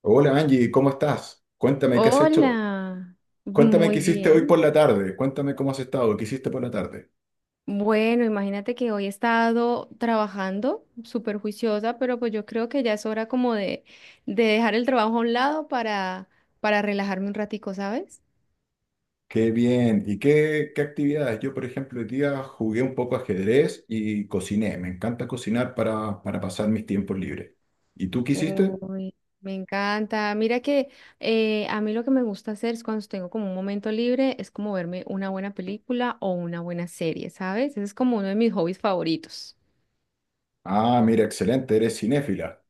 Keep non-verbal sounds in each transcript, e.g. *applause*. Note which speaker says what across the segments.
Speaker 1: Hola Angie, ¿cómo estás? Cuéntame qué has hecho.
Speaker 2: Hola,
Speaker 1: Cuéntame qué
Speaker 2: muy
Speaker 1: hiciste hoy por
Speaker 2: bien.
Speaker 1: la tarde. Cuéntame cómo has estado, qué hiciste por la tarde.
Speaker 2: Bueno, imagínate que hoy he estado trabajando súper juiciosa, pero pues yo creo que ya es hora como de dejar el trabajo a un lado para relajarme un ratico, ¿sabes?
Speaker 1: Qué bien. ¿Y qué actividades? Yo, por ejemplo, hoy día jugué un poco ajedrez y cociné. Me encanta cocinar para pasar mis tiempos libres. ¿Y tú qué hiciste?
Speaker 2: Uy, me encanta. Mira que a mí lo que me gusta hacer es cuando tengo como un momento libre, es como verme una buena película o una buena serie, ¿sabes? Ese es como uno de mis hobbies favoritos.
Speaker 1: Ah, mira, excelente, eres cinéfila.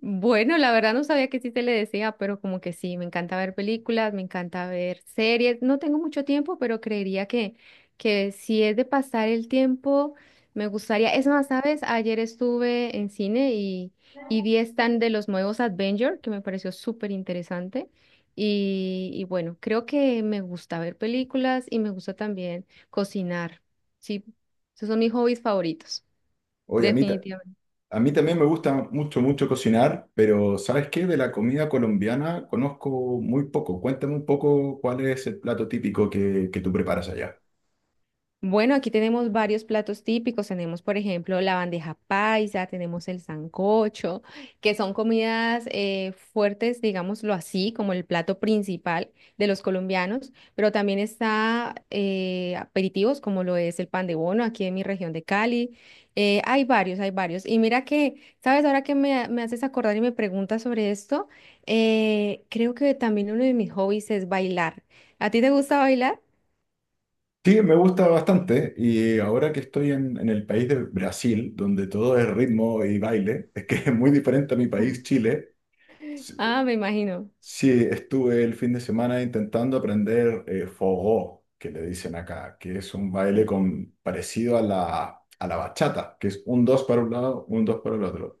Speaker 2: Bueno, la verdad no sabía que sí se le decía, pero como que sí, me encanta ver películas, me encanta ver series. No tengo mucho tiempo, pero creería que si es de pasar el tiempo, me gustaría. Es más, ¿sabes? Ayer estuve en cine y vi stand de los nuevos Avengers, que me pareció súper interesante. Y bueno, creo que me gusta ver películas y me gusta también cocinar. Sí, esos son mis hobbies favoritos,
Speaker 1: Oye, a mí, ta-
Speaker 2: definitivamente.
Speaker 1: a mí también me gusta mucho, mucho cocinar, pero ¿sabes qué? De la comida colombiana conozco muy poco. Cuéntame un poco cuál es el plato típico que tú preparas allá.
Speaker 2: Bueno, aquí tenemos varios platos típicos. Tenemos, por ejemplo, la bandeja paisa, tenemos el sancocho, que son comidas fuertes, digámoslo así, como el plato principal de los colombianos, pero también está aperitivos, como lo es el pan de bono aquí en mi región de Cali. Hay varios, hay varios. Y mira que, ¿sabes? Ahora que me haces acordar y me preguntas sobre esto, creo que también uno de mis hobbies es bailar. ¿A ti te gusta bailar?
Speaker 1: Sí, me gusta bastante y ahora que estoy en el país de Brasil, donde todo es ritmo y baile, es que *laughs* es muy diferente a mi país, Chile. Sí,
Speaker 2: Ah, me imagino.
Speaker 1: sí, estuve el fin de semana intentando aprender forró, que le dicen acá, que es un baile con, parecido a la bachata, que es un dos para un lado, un dos para el otro.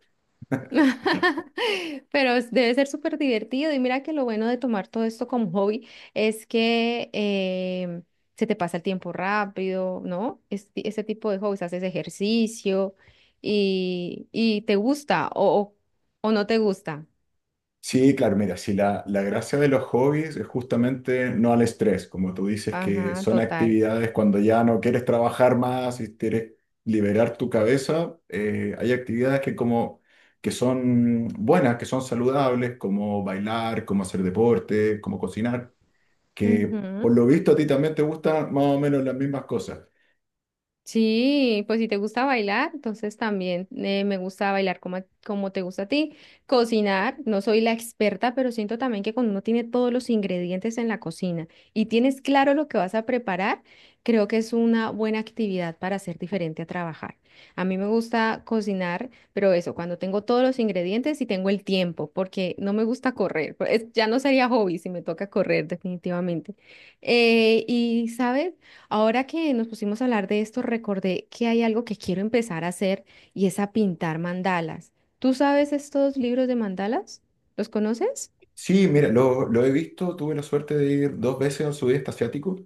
Speaker 2: *laughs* Debe ser súper divertido y mira que lo bueno de tomar todo esto como hobby es que se te pasa el tiempo rápido, ¿no? Ese tipo de hobbies, haces ejercicio y te gusta o no te gusta.
Speaker 1: Sí, claro, mira, si la gracia de los hobbies es justamente no al estrés, como tú dices, que
Speaker 2: Ajá,
Speaker 1: son
Speaker 2: total.
Speaker 1: actividades cuando ya no quieres trabajar más y quieres liberar tu cabeza, hay actividades que como que son buenas, que son saludables, como bailar, como hacer deporte, como cocinar, que por lo visto a ti también te gustan más o menos las mismas cosas.
Speaker 2: Sí, pues si te gusta bailar, entonces también me gusta bailar como, como te gusta a ti. Cocinar, no soy la experta, pero siento también que cuando uno tiene todos los ingredientes en la cocina y tienes claro lo que vas a preparar, creo que es una buena actividad para ser diferente a trabajar. A mí me gusta cocinar, pero eso, cuando tengo todos los ingredientes y tengo el tiempo, porque no me gusta correr. *laughs* Pues, ya no sería hobby si me toca correr, definitivamente. ¿Sabes? Ahora que nos pusimos a hablar de esto, recordé que hay algo que quiero empezar a hacer y es a pintar mandalas. ¿Tú sabes estos libros de mandalas? ¿Los conoces?
Speaker 1: Sí, mira, lo he visto, tuve la suerte de ir dos veces al sudeste asiático.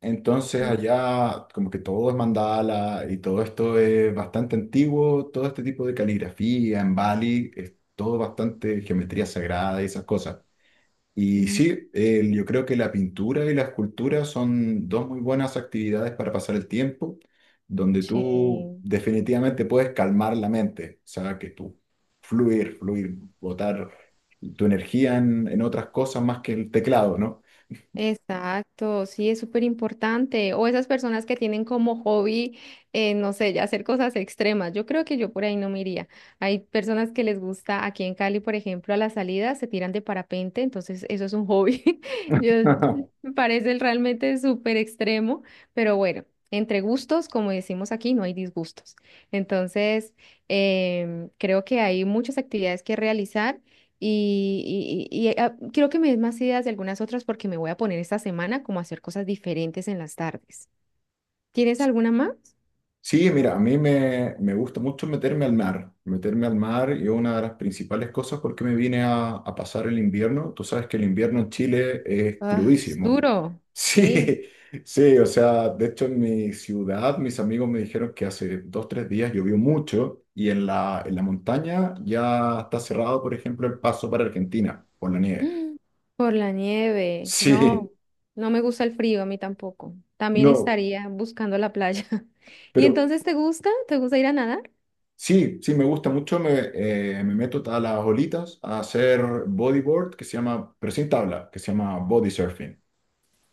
Speaker 1: Entonces allá como que todo es mandala y todo esto es bastante antiguo, todo este tipo de caligrafía en Bali, es todo bastante geometría sagrada y esas cosas. Y
Speaker 2: Mm,
Speaker 1: sí, yo creo que la pintura y la escultura son dos muy buenas actividades para pasar el tiempo, donde tú
Speaker 2: sí.
Speaker 1: definitivamente puedes calmar la mente, o sea, que tú fluir, botar tu energía en otras cosas más que el teclado, ¿no?
Speaker 2: Exacto, sí, es súper importante. O esas personas que tienen como hobby, no sé, ya hacer cosas extremas. Yo creo que yo por ahí no me iría. Hay personas que les gusta, aquí en Cali, por ejemplo, a la salida se tiran de parapente, entonces eso es un hobby. *laughs* Yo,
Speaker 1: *laughs*
Speaker 2: me parece realmente súper extremo, pero bueno, entre gustos, como decimos aquí, no hay disgustos. Entonces, creo que hay muchas actividades que realizar. Quiero que me des más ideas de algunas otras porque me voy a poner esta semana como a hacer cosas diferentes en las tardes. ¿Tienes alguna más?
Speaker 1: Sí, mira, a mí me gusta mucho meterme al mar. Meterme al mar y una de las principales cosas por qué me vine a pasar el invierno. Tú sabes que el invierno en Chile es
Speaker 2: Ah, es
Speaker 1: crudísimo. *laughs*
Speaker 2: duro,
Speaker 1: Sí,
Speaker 2: sí.
Speaker 1: sí, o sea, de hecho en mi ciudad mis amigos me dijeron que hace 2, 3 días llovió mucho y en la montaña ya está cerrado, por ejemplo, el paso para Argentina por la nieve.
Speaker 2: Mm, por la nieve,
Speaker 1: *laughs* Sí,
Speaker 2: no, no me gusta el frío, a mí tampoco. También
Speaker 1: no,
Speaker 2: estaría buscando la playa. *laughs* ¿Y
Speaker 1: pero...
Speaker 2: entonces te gusta? ¿Te gusta ir a nadar?
Speaker 1: Sí, sí, me gusta mucho. Me meto a las olitas a hacer bodyboard, que se llama, pero sin tabla, que se llama body surfing.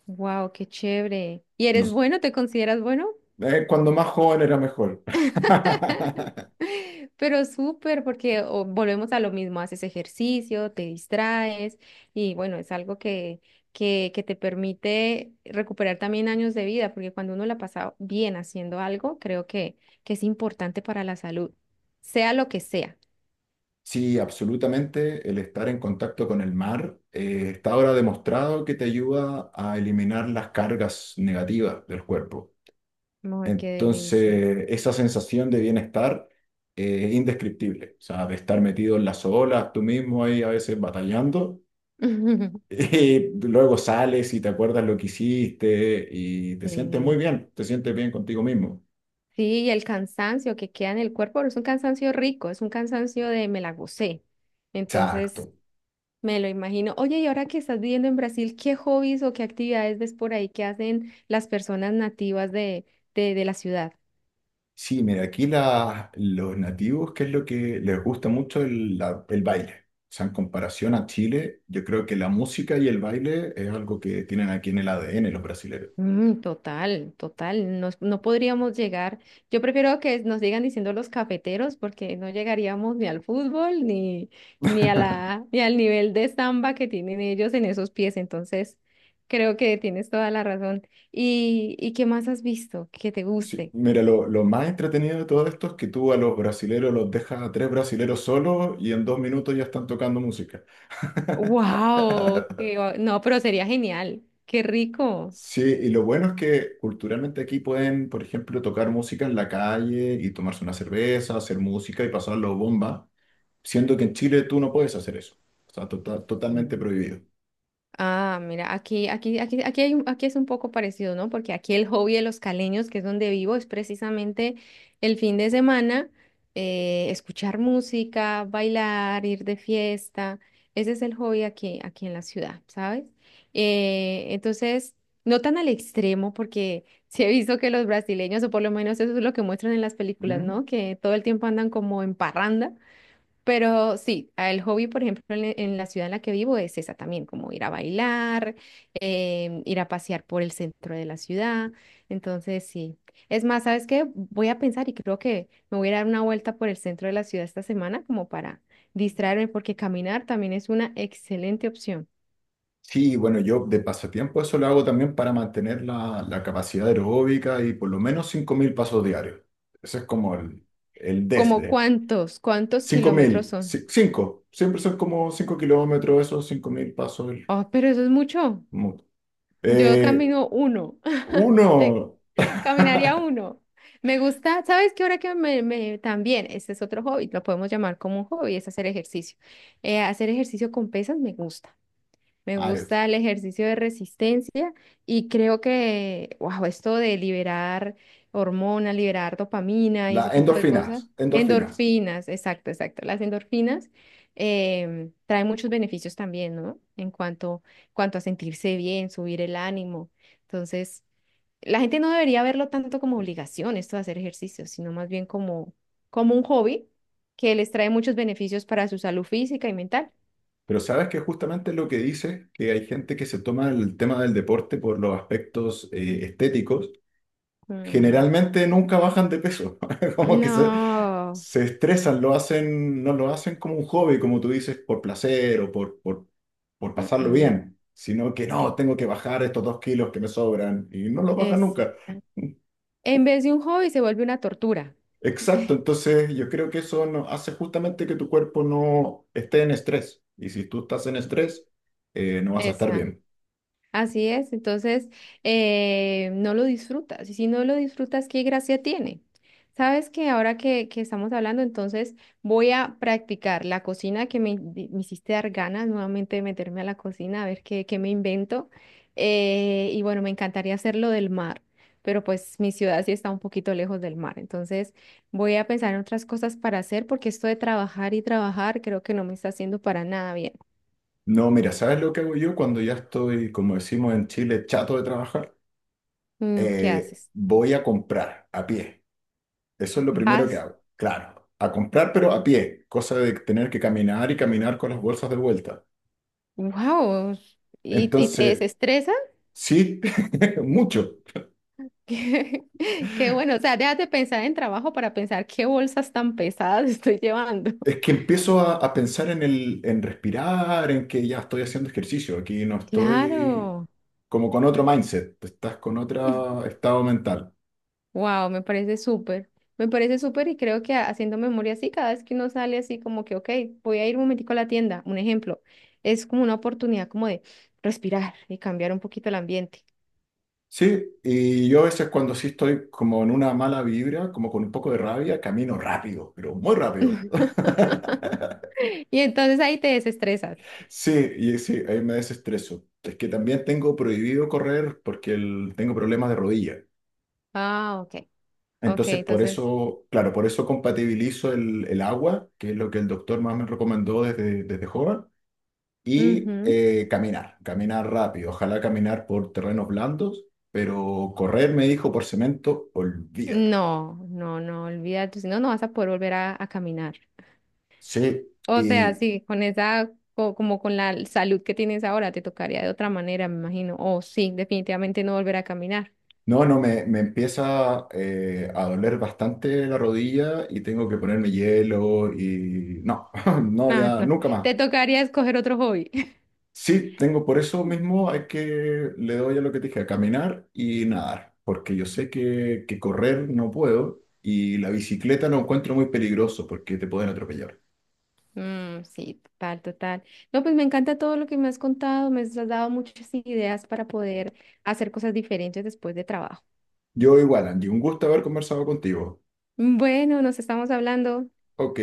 Speaker 2: Wow, qué chévere. ¿Y
Speaker 1: No
Speaker 2: eres
Speaker 1: s-
Speaker 2: bueno? ¿Te consideras bueno?
Speaker 1: Cuando más joven era mejor.
Speaker 2: *laughs*
Speaker 1: *laughs*
Speaker 2: Pero súper, porque o, volvemos a lo mismo, haces ejercicio, te distraes y bueno, es algo que te permite recuperar también años de vida, porque cuando uno la pasa bien haciendo algo, creo que es importante para la salud, sea lo que sea.
Speaker 1: Sí, absolutamente. El estar en contacto con el mar está ahora demostrado que te ayuda a eliminar las cargas negativas del cuerpo.
Speaker 2: Ay, qué delicia.
Speaker 1: Entonces, esa sensación de bienestar es indescriptible. O sea, de estar metido en las olas, tú mismo ahí a veces batallando. *laughs*
Speaker 2: *laughs*
Speaker 1: Y luego sales y te acuerdas lo que hiciste y te sientes muy
Speaker 2: Sí,
Speaker 1: bien, te sientes bien contigo mismo.
Speaker 2: sí, y el cansancio que queda en el cuerpo, pero es un cansancio rico, es un cansancio de me la gocé. Entonces,
Speaker 1: Exacto.
Speaker 2: me lo imagino. Oye, y ahora que estás viviendo en Brasil, ¿qué hobbies o qué actividades ves por ahí que hacen las personas nativas de la ciudad?
Speaker 1: Sí, mira, aquí los nativos, qué es lo que les gusta mucho el baile. O sea, en comparación a Chile, yo creo que la música y el baile es algo que tienen aquí en el ADN los brasileños.
Speaker 2: Mm, total, total. No podríamos llegar. Yo prefiero que nos sigan diciendo los cafeteros porque no llegaríamos ni al fútbol ni a
Speaker 1: *laughs*
Speaker 2: la, ni al nivel de samba que tienen ellos en esos pies. Entonces, creo que tienes toda la razón. ¿Y qué más has visto que te
Speaker 1: Sí,
Speaker 2: guste?
Speaker 1: mira, lo más entretenido de todo esto es que tú a los brasileros los dejas a tres brasileros solos y en 2 minutos ya están tocando música.
Speaker 2: Wow, no, pero sería genial. Qué rico.
Speaker 1: Sí, y lo bueno es que culturalmente aquí pueden, por ejemplo, tocar música en la calle y tomarse una cerveza, hacer música y pasarlo bomba, siendo que en Chile tú no puedes hacer eso. O sea, totalmente
Speaker 2: Mm.
Speaker 1: prohibido.
Speaker 2: Ah, mira, aquí, aquí, aquí, aquí hay, aquí es un poco parecido, ¿no? Porque aquí el hobby de los caleños, que es donde vivo, es precisamente el fin de semana, escuchar música, bailar, ir de fiesta. Ese es el hobby aquí, aquí en la ciudad, ¿sabes? Entonces, no tan al extremo, porque *laughs* sí he visto que los brasileños, o por lo menos eso es lo que muestran en las películas,
Speaker 1: ¿Mm?
Speaker 2: ¿no? Que todo el tiempo andan como en parranda. Pero sí, el hobby, por ejemplo, la en la ciudad en la que vivo es esa también, como ir a bailar, ir a pasear por el centro de la ciudad. Entonces, sí. Es más, ¿sabes qué? Voy a pensar y creo que me voy a dar una vuelta por el centro de la ciudad esta semana como para distraerme, porque caminar también es una excelente opción.
Speaker 1: Sí, bueno, yo de pasatiempo eso lo hago también para mantener la capacidad aeróbica y por lo menos 5.000 pasos diarios. Ese es como
Speaker 2: Mm.
Speaker 1: el
Speaker 2: ¿Como
Speaker 1: desde.
Speaker 2: cuántos? ¿Cuántos
Speaker 1: cinco
Speaker 2: kilómetros
Speaker 1: mil
Speaker 2: son?
Speaker 1: 5 siempre son como 5 kilómetros esos 5.000 pasos.
Speaker 2: Oh, pero eso es mucho.
Speaker 1: Mu-
Speaker 2: Yo
Speaker 1: Eh,
Speaker 2: camino uno. Te-
Speaker 1: Uno,
Speaker 2: *laughs* Caminaría uno. Me gusta, ¿sabes qué? Ahora que también, este es otro hobby, lo podemos llamar como un hobby, es hacer ejercicio. Hacer ejercicio con pesas me gusta. Me gusta el ejercicio de resistencia y creo que, wow, esto de liberar hormonas, liberar dopamina y ese
Speaker 1: las
Speaker 2: tipo de cosas.
Speaker 1: endorfinas, endorfinas.
Speaker 2: Endorfinas, exacto, exacto. Las endorfinas traen muchos beneficios también, ¿no? Cuanto a sentirse bien, subir el ánimo. Entonces la gente no debería verlo tanto como obligación, esto de hacer ejercicio, sino más bien como, como un hobby que les trae muchos beneficios para su salud física y mental.
Speaker 1: Pero sabes que justamente lo que dice que hay gente que se toma el tema del deporte por los aspectos estéticos,
Speaker 2: Mm,
Speaker 1: generalmente nunca bajan de peso. *laughs* Como que se,
Speaker 2: no,
Speaker 1: se estresan, lo hacen, no lo hacen como un hobby, como tú dices, por placer o por
Speaker 2: mm,
Speaker 1: pasarlo
Speaker 2: mm,
Speaker 1: bien, sino que
Speaker 2: e-
Speaker 1: no, tengo que bajar estos 2 kilos que me sobran y no los bajan
Speaker 2: es,
Speaker 1: nunca.
Speaker 2: en vez de un hobby se vuelve una tortura.
Speaker 1: Exacto, entonces yo creo que eso hace justamente que tu cuerpo no esté en estrés. Y si tú estás en estrés, no vas a estar
Speaker 2: Esa.
Speaker 1: bien.
Speaker 2: Así es, entonces no lo disfrutas. Y si no lo disfrutas, ¿qué gracia tiene? Sabes que ahora que estamos hablando, entonces voy a practicar la cocina que me hiciste dar ganas nuevamente de meterme a la cocina, a ver qué me invento. Y bueno, me encantaría hacerlo del mar, pero pues mi ciudad sí está un poquito lejos del mar. Entonces voy a pensar en otras cosas para hacer, porque esto de trabajar y trabajar creo que no me está haciendo para nada bien.
Speaker 1: No, mira, ¿sabes lo que hago yo cuando ya estoy, como decimos en Chile, chato de trabajar?
Speaker 2: Mm, ¿qué haces?
Speaker 1: Voy a comprar a pie. Eso es lo primero que
Speaker 2: ¿Vas?
Speaker 1: hago. Claro, a comprar, pero a pie. Cosa de tener que caminar y caminar con las bolsas de vuelta.
Speaker 2: Wow, y te
Speaker 1: Entonces,
Speaker 2: desestresa.
Speaker 1: sí, *laughs* mucho.
Speaker 2: *laughs* Qué, qué bueno, o sea, dejas de pensar en trabajo para pensar qué bolsas tan pesadas *laughs* estoy llevando.
Speaker 1: Es que empiezo a pensar en en respirar, en que ya estoy haciendo ejercicio, aquí no estoy
Speaker 2: Claro,
Speaker 1: como con otro mindset, estás con otro estado mental.
Speaker 2: wow, me parece súper y creo que haciendo memoria así, cada vez que uno sale así como que, ok, voy a ir un momentico a la tienda, un ejemplo, es como una oportunidad como de respirar y cambiar un poquito el ambiente.
Speaker 1: Sí, y yo a veces cuando sí estoy como en una mala vibra, como con un poco de rabia, camino rápido, pero muy rápido. *laughs*
Speaker 2: *laughs* Y entonces ahí te desestresas.
Speaker 1: Sí, y sí, ahí me desestreso. Es que también tengo prohibido correr porque tengo problemas de rodilla.
Speaker 2: Ah, ok, ok,
Speaker 1: Entonces, por
Speaker 2: entonces.
Speaker 1: eso, claro, por eso compatibilizo el agua, que es lo que el doctor más me recomendó desde joven y
Speaker 2: Ujú.
Speaker 1: caminar, caminar rápido, ojalá caminar por terrenos blandos, pero correr, me dijo, por cemento, olvídalo.
Speaker 2: No, no, no, olvídate, si no, no vas a poder volver a caminar.
Speaker 1: Sí,
Speaker 2: O sea,
Speaker 1: y
Speaker 2: sí, como con la salud que tienes ahora, te tocaría de otra manera, me imagino. O sí, definitivamente no volver a caminar. *laughs*
Speaker 1: no, no, me empieza a doler bastante la rodilla y tengo que ponerme hielo y no, *laughs* no,
Speaker 2: No,
Speaker 1: ya,
Speaker 2: no,
Speaker 1: nunca más.
Speaker 2: te tocaría escoger otro hobby. *laughs*
Speaker 1: Sí, tengo por eso mismo, hay que, le doy a lo que te dije, a caminar y nadar, porque yo sé que correr no puedo y la bicicleta no encuentro muy peligroso porque te pueden atropellar.
Speaker 2: Mm, sí, total, total. No, pues me encanta todo lo que me has contado, me has dado muchas ideas para poder hacer cosas diferentes después de trabajo.
Speaker 1: Yo igual, Andy, un gusto haber conversado contigo.
Speaker 2: Bueno, nos estamos hablando.
Speaker 1: Ok,